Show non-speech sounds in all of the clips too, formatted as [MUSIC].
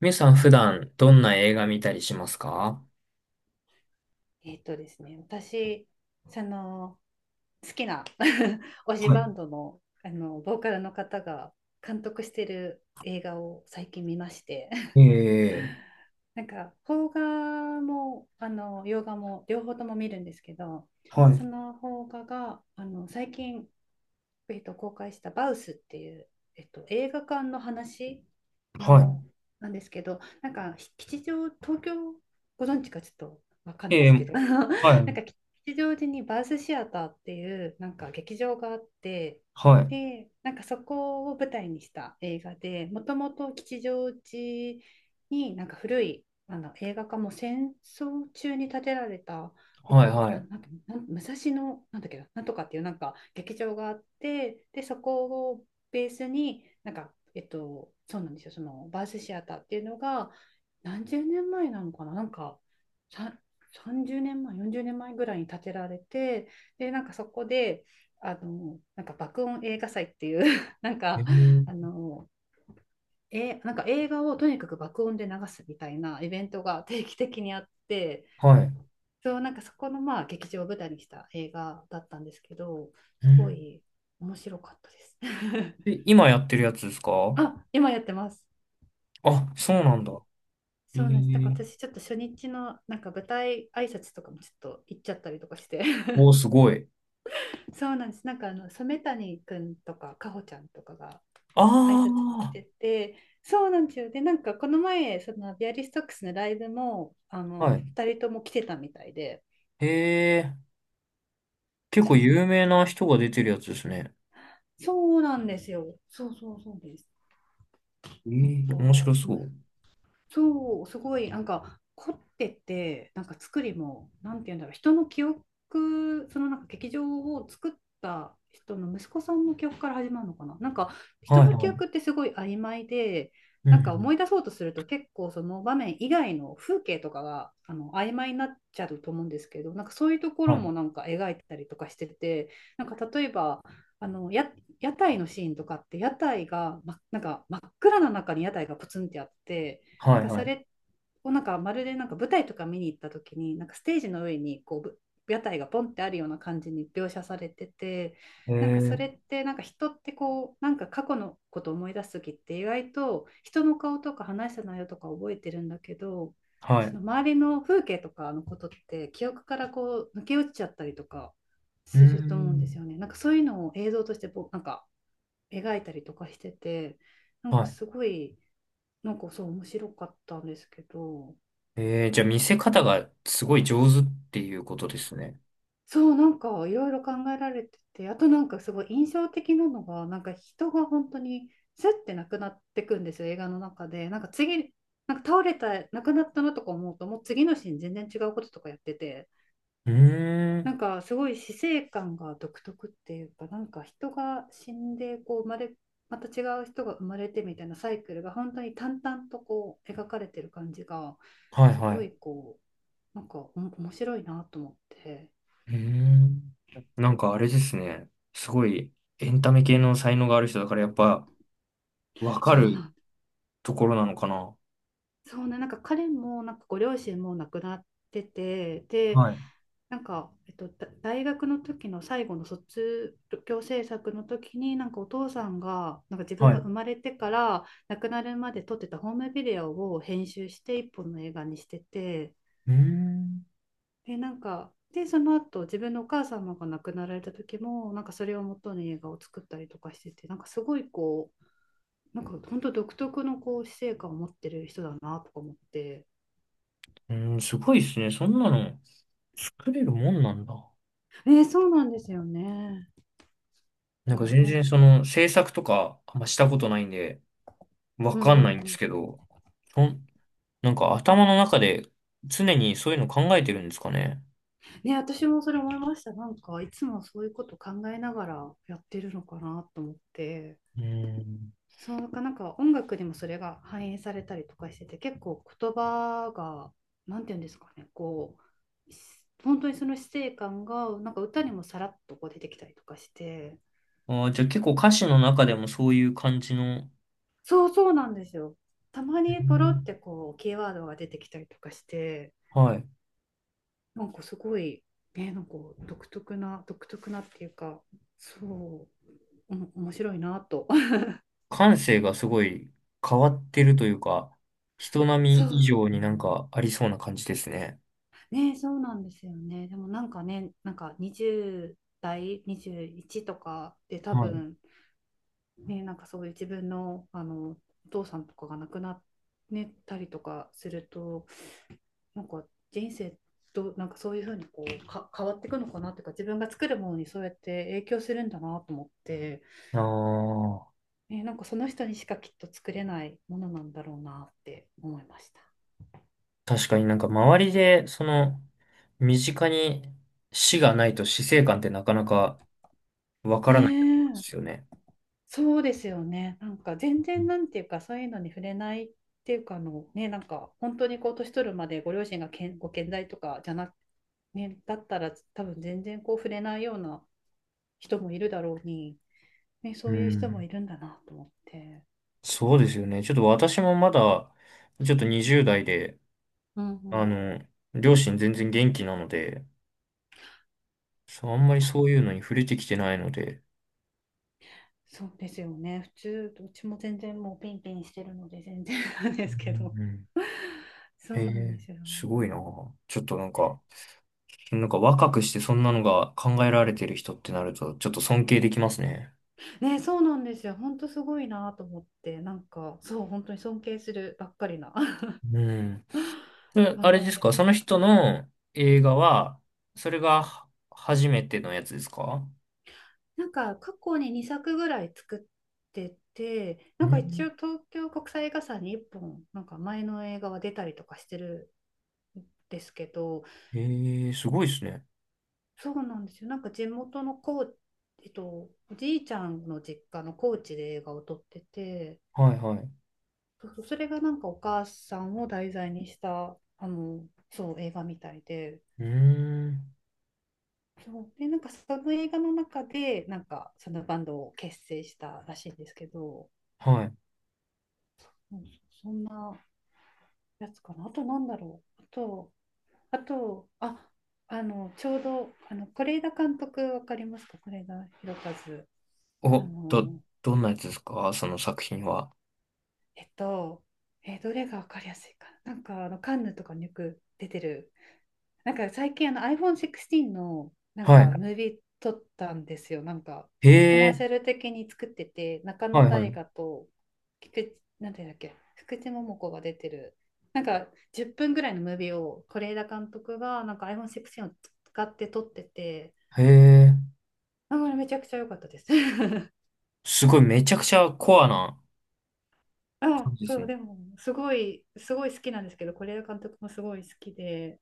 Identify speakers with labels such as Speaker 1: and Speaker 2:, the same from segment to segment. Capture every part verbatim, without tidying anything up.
Speaker 1: みゆさん普段どんな映画見たりしますか？
Speaker 2: えっとですね、私、その好きな [LAUGHS] 推し
Speaker 1: は
Speaker 2: バンドの、あのボーカルの方が監督してる映画を最近見まして [LAUGHS]
Speaker 1: い。えー、
Speaker 2: なんか邦画もあの洋画も両方とも見るんですけど、
Speaker 1: はい。
Speaker 2: その邦画があの最近えっと、公開したバウスっていう、えっと、映画館の話
Speaker 1: は
Speaker 2: の、なんですけど、なんか吉祥、東京ご存知かちょっとわかん
Speaker 1: い。
Speaker 2: ないで
Speaker 1: え
Speaker 2: すけ
Speaker 1: ー、
Speaker 2: ど、あの [LAUGHS] なんか
Speaker 1: はい。
Speaker 2: 吉祥寺にバウスシアターっていうなんか劇場があって、
Speaker 1: はい。
Speaker 2: で、なんかそこを舞台にした映画で、もともと吉祥寺になんか古いあの映画館も戦争中に建てられたえっ
Speaker 1: は
Speaker 2: と、
Speaker 1: いは
Speaker 2: な
Speaker 1: い。
Speaker 2: なんかなん武蔵野なんだっけな、なんとかっていうなんか劇場があって、でそこをベースになんか、えっと、そうなんですよ、そのバースシアターっていうのが何十年前なのかな、なんかささんさんじゅうねんまえよんじゅうねんまえぐらいに建てられて、でなんかそこであのなんか爆音映画祭っていう [LAUGHS] なん
Speaker 1: え
Speaker 2: かあ
Speaker 1: ー、
Speaker 2: のえなんか映画をとにかく爆音で流すみたいなイベントが定期的にあって。
Speaker 1: はい。
Speaker 2: そう、なんかそこのまあ劇場を舞台にした映画だったんですけど、すご
Speaker 1: ん。
Speaker 2: い面白かったです。
Speaker 1: え、
Speaker 2: [LAUGHS]
Speaker 1: 今やってるやつですか？
Speaker 2: あ、今やってます。
Speaker 1: あ、そうなんだ。え
Speaker 2: そうなんです。なんか
Speaker 1: ー、
Speaker 2: 私ちょっと初日のなんか舞台挨拶とかもちょっと行っちゃったりとかして、[LAUGHS]
Speaker 1: おー、すごい。
Speaker 2: そうなんです。なんかあの染谷くんとかかほちゃんとかが挨拶
Speaker 1: あ
Speaker 2: に来てて、そうなんですよ。で、なんかこの前、そのビアリストックスのライブも、あ
Speaker 1: あ、
Speaker 2: の、
Speaker 1: はい。
Speaker 2: 二人とも来てたみたいで、
Speaker 1: ー、えー、結
Speaker 2: そ
Speaker 1: 構
Speaker 2: うな
Speaker 1: 有
Speaker 2: んで
Speaker 1: 名な
Speaker 2: す。
Speaker 1: 人が出てるやつですね。
Speaker 2: そうなんですよ。そうそうそうです。
Speaker 1: ええ、面白
Speaker 2: こう面
Speaker 1: そう。
Speaker 2: そう、すごい、なんか、凝ってて、なんか作りも、なんて言うんだろう、人の記憶、そのなんか劇場を作った人の息子さんの記憶から始まるのかな。なんか、
Speaker 1: は
Speaker 2: 人
Speaker 1: い
Speaker 2: の
Speaker 1: は
Speaker 2: 記憶っ
Speaker 1: い。
Speaker 2: てすごい曖昧で、
Speaker 1: うんう
Speaker 2: なんか
Speaker 1: ん。
Speaker 2: 思い出そうとすると結構その場面以外の風景とかがあの曖昧になっちゃうと思うんですけど、なんかそういうとこ
Speaker 1: は
Speaker 2: ろ
Speaker 1: い。
Speaker 2: もなんか描いてたりとかしてて、なんか例えばあのや屋台のシーンとかって屋台が、ま、なんか真っ暗な中に屋台がポツンってあって、なん
Speaker 1: はい
Speaker 2: か
Speaker 1: は
Speaker 2: そ
Speaker 1: い。
Speaker 2: れをなんかまるでなんか舞台とか見に行った時になんかステージの上にこうぶ屋台がポンってあるような感じに描写されてて、
Speaker 1: へえ
Speaker 2: なんかそ
Speaker 1: ー、
Speaker 2: れってなんか人ってこうなんか過去のことを思い出す時って意外と人の顔とか話した内容とか覚えてるんだけど、
Speaker 1: は
Speaker 2: そ
Speaker 1: い。
Speaker 2: の周りの風景とかのことって記憶からこう抜け落ちちゃったりとか
Speaker 1: ええ、は
Speaker 2: す
Speaker 1: い、うー
Speaker 2: ると思うんです
Speaker 1: ん。
Speaker 2: よね。なんかそういうのを映像としてぼなんか描いたりとかしてて、なんか
Speaker 1: はい。
Speaker 2: すごいなんかそう面白かったんですけど、
Speaker 1: えー、じゃあ見せ方がすごい上手っていうことですね。
Speaker 2: そう、なんかいろいろ考えられてて、あとなんかすごい印象的なのが、なんか人が本当にスッてなくなってくんですよ、映画の中で。なんか次なんか倒れた、亡くなったなとか思うと、もう次のシーン全然違うこととかやってて、
Speaker 1: うー
Speaker 2: な
Speaker 1: ん。
Speaker 2: んかすごい死生観が独特っていうか、なんか人が死んでこう生まれ、また違う人が生まれてみたいなサイクルが本当に淡々とこう描かれてる感じが、
Speaker 1: はい
Speaker 2: す
Speaker 1: は
Speaker 2: ご
Speaker 1: い。
Speaker 2: いこう、なんかお面白いなと思って。
Speaker 1: うーん。なんかあれですね。すごいエンタメ系の才能がある人だからやっぱわか
Speaker 2: そうな
Speaker 1: る
Speaker 2: ん、
Speaker 1: ところなのかな。
Speaker 2: そうね、なんか彼もなんかご両親も亡くなってて、で、
Speaker 1: はい。
Speaker 2: なんか、えっと、だ大学の時の最後の卒業制作の時になんかお父さんがなんか自分
Speaker 1: はい。
Speaker 2: が
Speaker 1: う
Speaker 2: 生まれてから亡くなるまで撮ってたホームビデオを編集して一本の映画にしてて、
Speaker 1: ーん。
Speaker 2: でなんかでその後自分のお母様が亡くなられた時もなんかそれを元に映画を作ったりとかしてて、なんかすごいこう、なんか本当独特のこう死生観を持ってる人だなとか思って。
Speaker 1: うーん、すごいですね。そんなの作れるもんなんだ。
Speaker 2: えーそうなんですよね。だ
Speaker 1: なん
Speaker 2: か
Speaker 1: か
Speaker 2: ら
Speaker 1: 全
Speaker 2: 本
Speaker 1: 然そ
Speaker 2: 当に。
Speaker 1: の制作とかあんましたことないんでわ
Speaker 2: うんう
Speaker 1: かんない
Speaker 2: ん
Speaker 1: ん
Speaker 2: う
Speaker 1: です
Speaker 2: ん
Speaker 1: けど、そん、なんか頭の中で常にそういうの考えてるんですかね。
Speaker 2: ね、私もそれ思いました。なんか、いつもそういうこと考えながらやってるのかなと思って、
Speaker 1: うーん。
Speaker 2: そうか、なんか音楽にもそれが反映されたりとかしてて、結構言葉が、なんていうんですかね、こう、し本当にその死生観が、なんか歌にもさらっとこう出てきたりとかして、
Speaker 1: ああ、じゃあ結構歌詞の中でもそういう感じの。
Speaker 2: そうそうなんですよ。たま
Speaker 1: へえ、
Speaker 2: にポロってこう、キーワードが出てきたりとかして、
Speaker 1: はい。
Speaker 2: なんかすごい、ね、なんか独特な、独特なっていうか、そう、面白いなと [LAUGHS]。
Speaker 1: 感性がすごい変わってるというか、人並
Speaker 2: そ
Speaker 1: み
Speaker 2: う
Speaker 1: 以上になんかありそうな感じですね。
Speaker 2: ね、そうなんですよね。でもなんかね、なんかにじゅう代、にじゅういちとかで多
Speaker 1: はい。
Speaker 2: 分、ね、なんかそういう自分の、あのお父さんとかが亡くなっ、ねたりとかすると、なんか人生どなんかそういうふうにこうか変わっていくのかなっていうか、自分が作るものにそうやって影響するんだなと思って、
Speaker 1: ああ、
Speaker 2: ね、なんかその人にしかきっと作れないものなんだろうなって思いました。
Speaker 1: 確かになんか周りで、その、身近に死がないと死生観ってなかなかわか
Speaker 2: ね
Speaker 1: らないところで
Speaker 2: え、
Speaker 1: すよね。
Speaker 2: そうですよね。なんか全然なんていうかそういうのに触れないっていうか、あのね、なんか本当にこう年取るまでご両親がけんご健在とかじゃなくね、だったら多分全然こう触れないような人もいるだろうに、ね、そ
Speaker 1: う
Speaker 2: ういう人も
Speaker 1: ん。
Speaker 2: いるんだなと思って。
Speaker 1: そうですよね。ちょっと私もまだ、ちょっとにじゅう代で、
Speaker 2: うんうん。
Speaker 1: あ
Speaker 2: い
Speaker 1: の、両親全然元気なので、そう、あんまり
Speaker 2: や、
Speaker 1: そういうのに触れてきてないので。
Speaker 2: そうですよね。普通、どっちも全然もうピンピンしてるので全然なんで
Speaker 1: う
Speaker 2: すけど。
Speaker 1: ん。
Speaker 2: [LAUGHS] そ
Speaker 1: え
Speaker 2: うなんで
Speaker 1: え、
Speaker 2: すよ。
Speaker 1: すごいな。ちょっとなんか、なんか若くしてそんなのが考えられてる人ってなると、ちょっと尊敬できますね。
Speaker 2: ね、そうなんですよ。ほんとすごいなと思って、なんか、そう、本当に尊敬するばっかりな
Speaker 1: うん。
Speaker 2: [LAUGHS]
Speaker 1: で、あ
Speaker 2: 感
Speaker 1: れ
Speaker 2: じ
Speaker 1: です
Speaker 2: で
Speaker 1: か、そ
Speaker 2: す。
Speaker 1: の人の映画は、それがは初めてのやつですか？
Speaker 2: なんか、過去ににさくぐらい作ってて、な
Speaker 1: う
Speaker 2: んか一
Speaker 1: ん。
Speaker 2: 応東京国際映画祭にいっぽん、なんか前の映画は出たりとかしてるんですけど、
Speaker 1: ええ、すごいですね。
Speaker 2: そうなんですよ。なんか地元の高知、えっと、おじいちゃんの実家の高知で映画を撮ってて、
Speaker 1: はいはい。う
Speaker 2: そうそう、それがなんかお母さんを題材にした、あの、そう、映画みたいで、
Speaker 1: ーん。
Speaker 2: そう、で、なんかその映画の中で、なんかそのバンドを結成したらしいんですけど、
Speaker 1: はい。
Speaker 2: うん、そんなやつかな。あとなんだろう。あと、あと、あ、あの、ちょうど、あの、是枝監督わかりますか、是枝裕和。あ
Speaker 1: お、ど、
Speaker 2: の、
Speaker 1: どんなやつですかその作品は？
Speaker 2: えっと、えーどれがわかりやすいかな。なんかあのカンヌとかによく出てる。なんか最近あの アイフォーンシックスティーン のなんか
Speaker 1: は
Speaker 2: ムービー撮ったんですよ。なんか
Speaker 1: い。
Speaker 2: コ
Speaker 1: へ
Speaker 2: マーシ
Speaker 1: え。
Speaker 2: ャル的に作ってて、中
Speaker 1: は
Speaker 2: 野
Speaker 1: いは
Speaker 2: 大
Speaker 1: い。
Speaker 2: 我と菊池、なんていうんだっけ、福地桃子が出てる。なんかじゅっぷんぐらいのムービーを是枝監督がなんか アイフォーンシックスティーン を使って撮ってて、
Speaker 1: へえ。
Speaker 2: あれめちゃくちゃ良かったです。[LAUGHS]
Speaker 1: すごいめちゃくちゃコアな
Speaker 2: あ、
Speaker 1: 感じです
Speaker 2: そう、
Speaker 1: ね。
Speaker 2: でもすごい、すごい好きなんですけど、是枝監督もすごい好きで。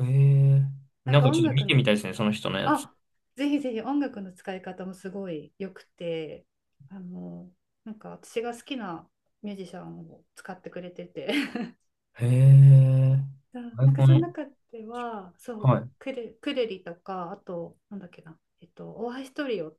Speaker 1: へえ。
Speaker 2: なん
Speaker 1: なん
Speaker 2: か
Speaker 1: かち
Speaker 2: 音
Speaker 1: ょっと見
Speaker 2: 楽
Speaker 1: て
Speaker 2: の、
Speaker 1: みたいですね、その人のやつ。
Speaker 2: あ、ぜひぜひ音楽の使い方もすごい良くて、あの、なんか私が好きなミュージシャンを使ってくれてて、[LAUGHS]
Speaker 1: へえ。
Speaker 2: そう、
Speaker 1: アイ
Speaker 2: なんか
Speaker 1: コ
Speaker 2: その
Speaker 1: ン、
Speaker 2: 中では、そ
Speaker 1: は
Speaker 2: う、
Speaker 1: い。
Speaker 2: クレ、クレリとか、あと、なんだっけな、えっと、大橋トリオ、わ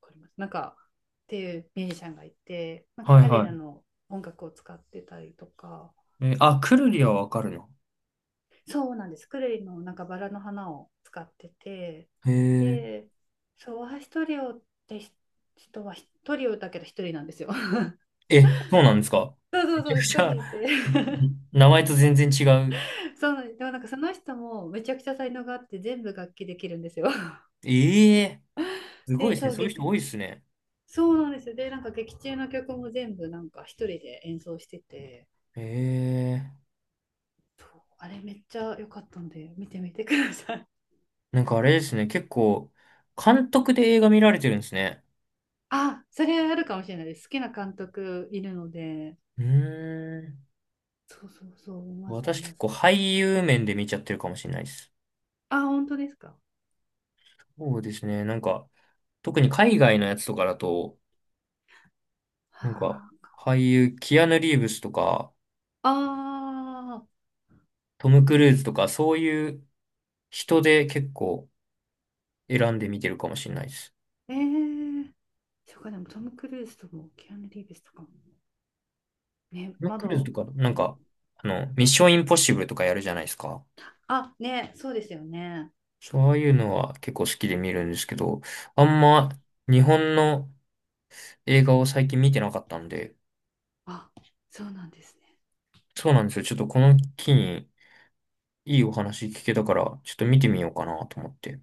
Speaker 2: かりますなんか、っていうミュージシャンがいて、なんか
Speaker 1: はい
Speaker 2: 彼
Speaker 1: は
Speaker 2: らの音楽を使ってたりとか、
Speaker 1: い。え、あ、くるりはわかるの。
Speaker 2: そうなんです。クレイのなんかバラの花を使ってて、
Speaker 1: へえ。
Speaker 2: で、ソワヒトリオってひ人は一人をだけど一人なんですよ。[LAUGHS]
Speaker 1: え、そうなんですか？
Speaker 2: そうそ
Speaker 1: め
Speaker 2: う
Speaker 1: ちゃ
Speaker 2: そう、
Speaker 1: く
Speaker 2: 一
Speaker 1: ちゃ、ん、
Speaker 2: 人で。
Speaker 1: 名前と全然違う。
Speaker 2: [LAUGHS] そうなんです。でもなんかその人もめちゃくちゃ才能があって全部楽器できるんですよ。[LAUGHS]
Speaker 1: ええ。すご
Speaker 2: で、
Speaker 1: いです
Speaker 2: そ
Speaker 1: ね。
Speaker 2: う、
Speaker 1: そういう
Speaker 2: 劇、
Speaker 1: 人多いですね。
Speaker 2: そうなんですよ。で、なんか劇中の曲も全部なんか一人で演奏してて、
Speaker 1: へえ。
Speaker 2: そう、あれめっちゃ良かったんで見てみてください。
Speaker 1: なんかあれですね。結構、監督で映画見られてるんですね。
Speaker 2: [LAUGHS] あ、それあるかもしれないです。好きな監督いるので、
Speaker 1: うーん。
Speaker 2: そうそうそう、見ます見
Speaker 1: 私結
Speaker 2: ま
Speaker 1: 構
Speaker 2: す。
Speaker 1: 俳優面で見ちゃってるかもしれないです。
Speaker 2: あ、本当ですか。
Speaker 1: そうですね。なんか、特に海外のやつとかだと、なんか、
Speaker 2: は
Speaker 1: 俳優、キアヌ・リーブスとか、
Speaker 2: ああ
Speaker 1: トム・クルーズとか、そういう人で結構選んで見てるかもしれないです。
Speaker 2: ー、ええそうか、でもトム・クルーズとも、キアヌ・リーブスとかも。ね、
Speaker 1: トム・
Speaker 2: ま
Speaker 1: クルーズ
Speaker 2: だ。
Speaker 1: とか、なんか、あの、ミッション・インポッシブルとかやるじゃないですか。
Speaker 2: あ、ね、そうですよね。
Speaker 1: そういうのは結構好きで見るんですけど、あんま日本の映画を最近見てなかったんで、
Speaker 2: あ、そうなんですね。
Speaker 1: そうなんですよ。ちょっとこの機にいいお話聞けたから、ちょっと見てみようかなと思って。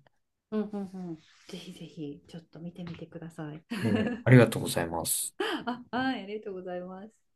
Speaker 2: うんうんうん。ぜひぜひ、ちょっと見てみてください。
Speaker 1: え
Speaker 2: [LAUGHS]
Speaker 1: ー、ありがとうございます。
Speaker 2: あ、はい、ありがとうございます。